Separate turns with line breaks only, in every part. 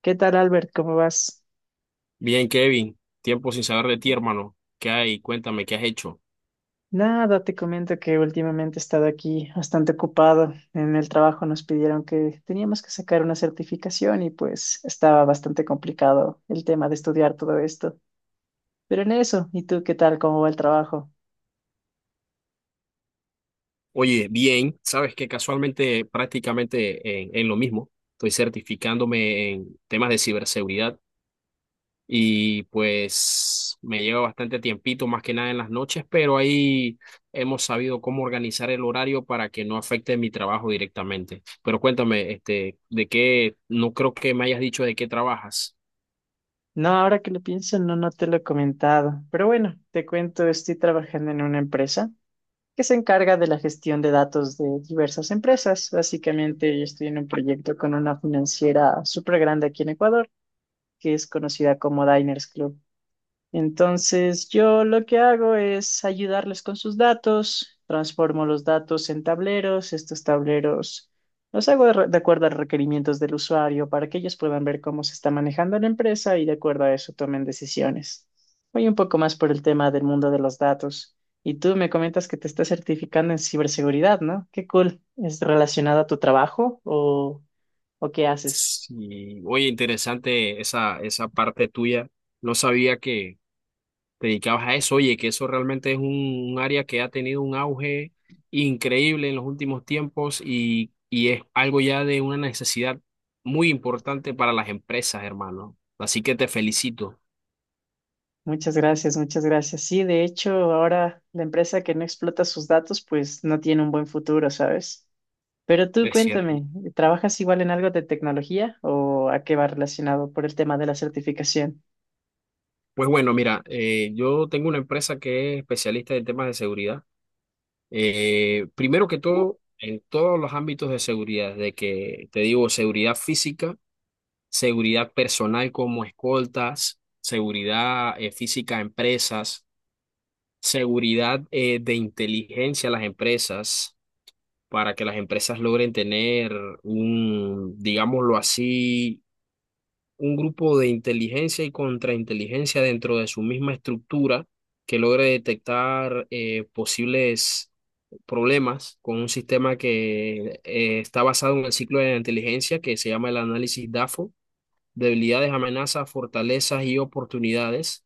¿Qué tal, Albert? ¿Cómo vas?
Bien, Kevin, tiempo sin saber de ti, hermano. ¿Qué hay? Cuéntame, ¿qué has hecho?
Nada, te comento que últimamente he estado aquí bastante ocupado. En el trabajo nos pidieron que teníamos que sacar una certificación y pues estaba bastante complicado el tema de estudiar todo esto. Pero en eso, ¿y tú qué tal? ¿Cómo va el trabajo?
Oye, bien, sabes que casualmente prácticamente en lo mismo, estoy certificándome en temas de ciberseguridad, y pues me lleva bastante tiempito, más que nada en las noches, pero ahí hemos sabido cómo organizar el horario para que no afecte mi trabajo directamente. Pero cuéntame, este, ¿de qué? No creo que me hayas dicho de qué trabajas.
No, ahora que lo pienso, no, te lo he comentado. Pero bueno, te cuento, estoy trabajando en una empresa que se encarga de la gestión de datos de diversas empresas. Básicamente, yo estoy en un proyecto con una financiera súper grande aquí en Ecuador que es conocida como Diners Club. Entonces, yo lo que hago es ayudarles con sus datos, transformo los datos en tableros, estos tableros los hago de acuerdo a requerimientos del usuario para que ellos puedan ver cómo se está manejando la empresa y de acuerdo a eso tomen decisiones. Voy un poco más por el tema del mundo de los datos. Y tú me comentas que te estás certificando en ciberseguridad, ¿no? Qué cool. ¿Es relacionado a tu trabajo o qué haces?
Sí. Oye, interesante esa parte tuya. No sabía que te dedicabas a eso. Oye, que eso realmente es un área que ha tenido un auge increíble en los últimos tiempos y es algo ya de una necesidad muy importante para las empresas, hermano. Así que te felicito,
Muchas gracias, muchas gracias. Sí, de hecho, ahora la empresa que no explota sus datos, pues no tiene un buen futuro, ¿sabes? Pero tú
es cierto.
cuéntame, ¿trabajas igual en algo de tecnología o a qué va relacionado por el tema de la certificación?
Pues bueno, mira, yo tengo una empresa que es especialista en temas de seguridad. Primero que todo, en todos los ámbitos de seguridad, de que te digo, seguridad física, seguridad personal como escoltas, seguridad física a empresas, seguridad de inteligencia a las empresas, para que las empresas logren tener digámoslo así, un grupo de inteligencia y contrainteligencia dentro de su misma estructura que logre detectar posibles problemas con un sistema que está basado en el ciclo de la inteligencia que se llama el análisis DAFO: debilidades, amenazas, fortalezas y oportunidades,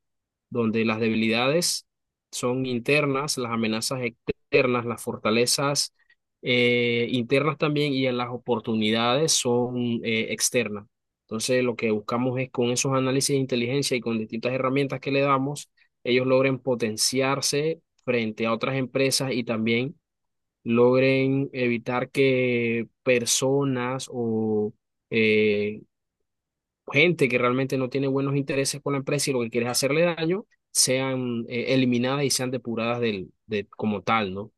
donde las debilidades son internas, las amenazas externas, las fortalezas internas también y en las oportunidades son externas. Entonces, lo que buscamos es con esos análisis de inteligencia y con distintas herramientas que le damos, ellos logren potenciarse frente a otras empresas y también logren evitar que personas o eh, gente que realmente no tiene buenos intereses con la empresa y lo que quiere es hacerle daño, sean eliminadas y sean depuradas del, de, como tal, ¿no?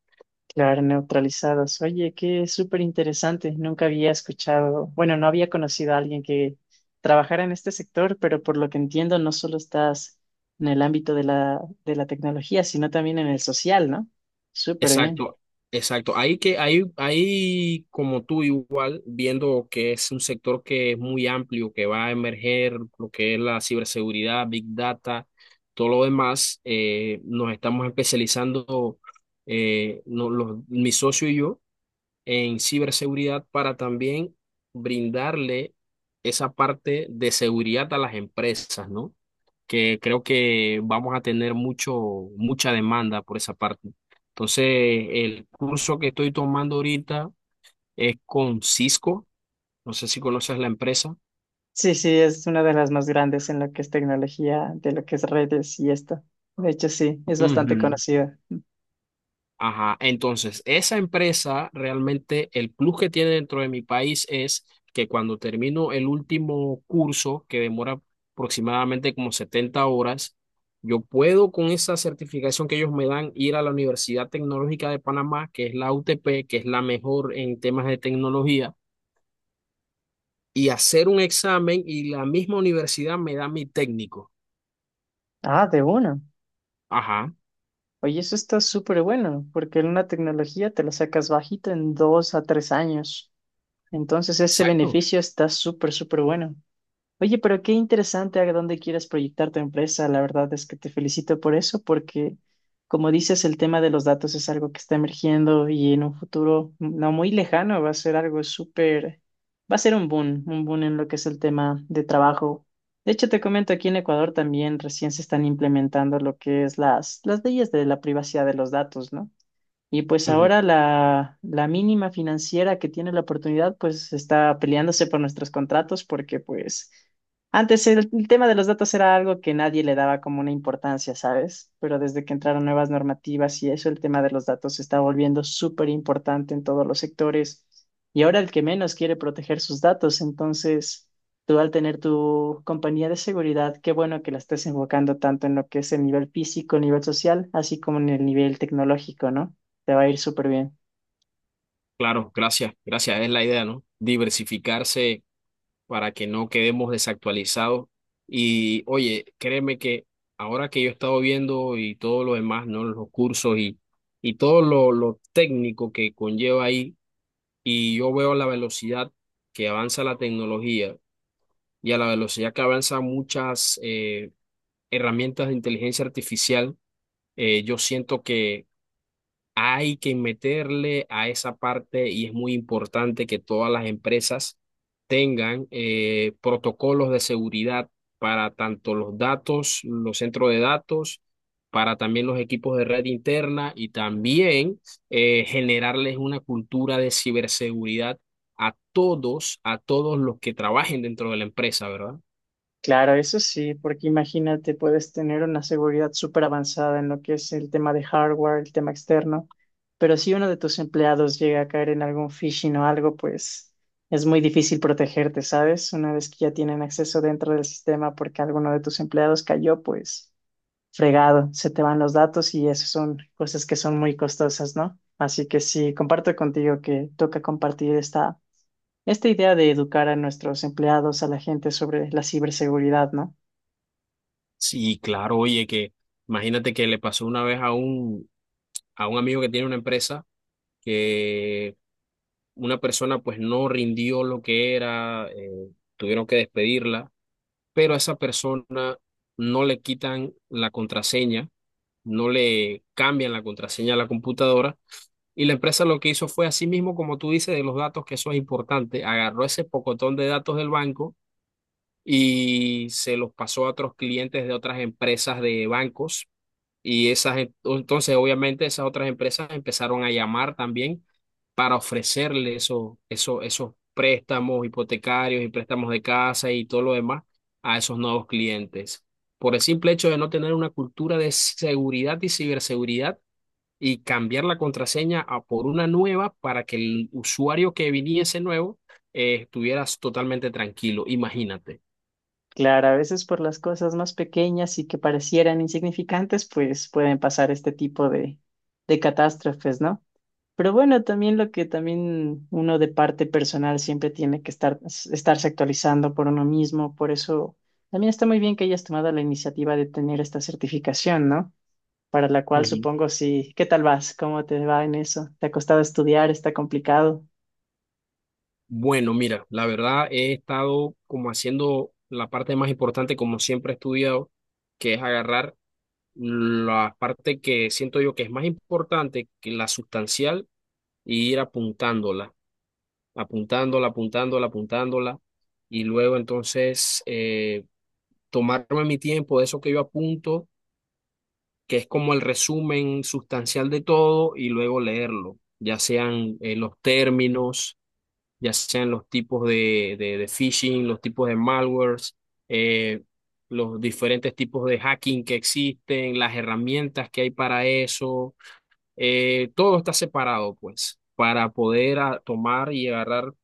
Claro, neutralizados. Oye, qué súper interesante. Nunca había escuchado, bueno, no había conocido a alguien que trabajara en este sector, pero por lo que entiendo, no solo estás en el ámbito de de la tecnología, sino también en el social, ¿no? Súper bien.
Exacto, exacto. Ahí que ahí como tú igual, viendo que es un sector que es muy amplio, que va a emerger, lo que es la ciberseguridad, Big Data, todo lo demás, nos estamos especializando, mi socio y yo en ciberseguridad para también brindarle esa parte de seguridad a las empresas, ¿no? Que creo que vamos a tener mucha demanda por esa parte. Entonces, el curso que estoy tomando ahorita es con Cisco, no sé si conoces la empresa.
Sí, sí, es una de las más grandes en lo que es tecnología, de lo que es redes y esto. De hecho, sí, es bastante
Ujú.
conocida.
Ajá, entonces esa empresa realmente el plus que tiene dentro de mi país es que cuando termino el último curso, que demora aproximadamente como 70 horas, yo puedo con esa certificación que ellos me dan ir a la Universidad Tecnológica de Panamá, que es la UTP, que es la mejor en temas de tecnología, y hacer un examen y la misma universidad me da mi técnico.
Ah, de una.
Ajá,
Oye, eso está súper bueno, porque en una tecnología te la sacas bajito en dos a tres años. Entonces, ese
exacto.
beneficio está súper, súper bueno. Oye, pero qué interesante a dónde quieres proyectar tu empresa. La verdad es que te felicito por eso, porque como dices, el tema de los datos es algo que está emergiendo y en un futuro no muy lejano va a ser algo súper, va a ser un boom en lo que es el tema de trabajo. De hecho, te comento, aquí en Ecuador también recién se están implementando lo que es las leyes de la privacidad de los datos, ¿no? Y pues
Ujú.
ahora la mínima financiera que tiene la oportunidad, pues está peleándose por nuestros contratos porque pues antes el tema de los datos era algo que nadie le daba como una importancia, ¿sabes? Pero desde que entraron nuevas normativas y eso, el tema de los datos se está volviendo súper importante en todos los sectores. Y ahora el que menos quiere proteger sus datos, entonces tú al tener tu compañía de seguridad, qué bueno que la estés enfocando tanto en lo que es el nivel físico, nivel social, así como en el nivel tecnológico, ¿no? Te va a ir súper bien.
Claro, gracias, gracias, es la idea, ¿no? Diversificarse para que no quedemos desactualizados. Y oye, créeme que ahora que yo he estado viendo y todo lo demás, ¿no? Los cursos y todo lo técnico que conlleva ahí, y yo veo la velocidad que avanza la tecnología y a la velocidad que avanzan muchas herramientas de inteligencia artificial, yo siento que hay que meterle a esa parte y es muy importante que todas las empresas tengan protocolos de seguridad para tanto los datos, los centros de datos, para también los equipos de red interna y también generarles una cultura de ciberseguridad a todos los que trabajen dentro de la empresa, ¿verdad?
Claro, eso sí, porque imagínate, puedes tener una seguridad súper avanzada en lo que es el tema de hardware, el tema externo, pero si uno de tus empleados llega a caer en algún phishing o algo, pues es muy difícil protegerte, ¿sabes? Una vez que ya tienen acceso dentro del sistema porque alguno de tus empleados cayó, pues fregado, se te van los datos y eso son cosas que son muy costosas, ¿no? Así que sí, comparto contigo que toca compartir esta esta idea de educar a nuestros empleados, a la gente sobre la ciberseguridad, ¿no?
Sí, claro, oye, que imagínate que le pasó una vez a a un amigo que tiene una empresa que una persona pues no rindió lo que era, tuvieron que despedirla, pero a esa persona no le quitan la contraseña, no le cambian la contraseña a la computadora y la empresa lo que hizo fue, así mismo como tú dices, de los datos, que eso es importante, agarró ese pocotón de datos del banco y se los pasó a otros clientes de otras empresas de bancos y esas, entonces, obviamente, esas otras empresas empezaron a llamar también para ofrecerle esos préstamos hipotecarios y préstamos de casa y todo lo demás a esos nuevos clientes. Por el simple hecho de no tener una cultura de seguridad y ciberseguridad y cambiar la contraseña a por una nueva para que el usuario que viniese nuevo estuviera totalmente tranquilo, imagínate.
Claro, a veces por las cosas más pequeñas y que parecieran insignificantes, pues pueden pasar este tipo de catástrofes, ¿no? Pero bueno, también lo que también uno de parte personal siempre tiene que estarse actualizando por uno mismo, por eso también está muy bien que hayas tomado la iniciativa de tener esta certificación, ¿no? Para la cual supongo sí. ¿Qué tal vas? ¿Cómo te va en eso? ¿Te ha costado estudiar? ¿Está complicado?
Bueno, mira, la verdad he estado como haciendo la parte más importante, como siempre he estudiado, que es agarrar la parte que siento yo que es más importante que la sustancial y ir apuntándola, apuntándola, apuntándola, apuntándola, y luego entonces tomarme mi tiempo de eso que yo apunto, que es como el resumen sustancial de todo, y luego leerlo, ya sean los términos, ya sean los tipos de phishing, los tipos de malwares, eh, los diferentes tipos de hacking que existen, las herramientas que hay para eso, todo está separado, pues, para poder tomar y agarrar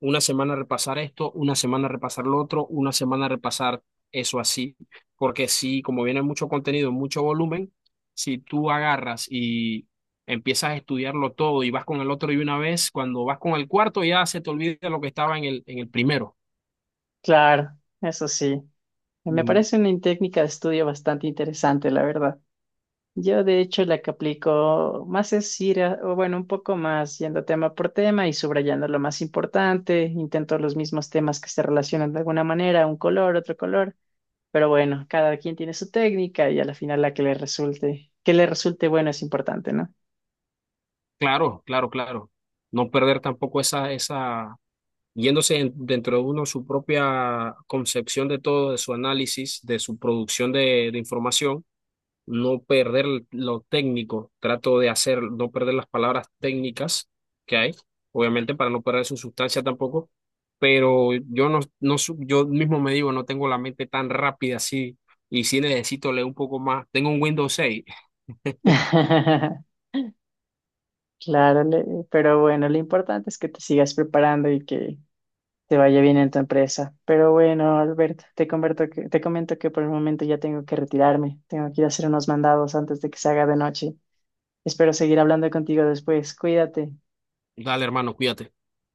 una semana repasar esto, una semana repasar lo otro, una semana repasar eso así, porque si como viene mucho contenido, mucho volumen, si tú agarras y empiezas a estudiarlo todo y vas con el otro y una vez, cuando vas con el cuarto ya se te olvida lo que estaba en el primero.
Claro, eso sí. Me
Mm.
parece una técnica de estudio bastante interesante, la verdad. Yo, de hecho, la que aplico más es ir, o bueno, un poco más yendo tema por tema y subrayando lo más importante. Intento los mismos temas que se relacionan de alguna manera, un color, otro color. Pero bueno, cada quien tiene su técnica y a la final la que le resulte bueno es importante, ¿no?
Claro, claro, claro. No perder tampoco esa, esa, yéndose dentro de uno su propia concepción de todo, de su análisis, de su producción de información, no perder lo técnico, trato de hacer, no perder las palabras técnicas que hay, obviamente para no perder su sustancia tampoco, pero yo no, no, yo mismo me digo, no tengo la mente tan rápida así, y sí necesito leer un poco más. Tengo un Windows 6.
Claro, pero bueno, lo importante es que te sigas preparando y que te vaya bien en tu empresa. Pero bueno, Albert, te comento que por el momento ya tengo que retirarme. Tengo que ir a hacer unos mandados antes de que se haga de noche. Espero seguir hablando contigo después. Cuídate.
Dale, hermano, cuídate.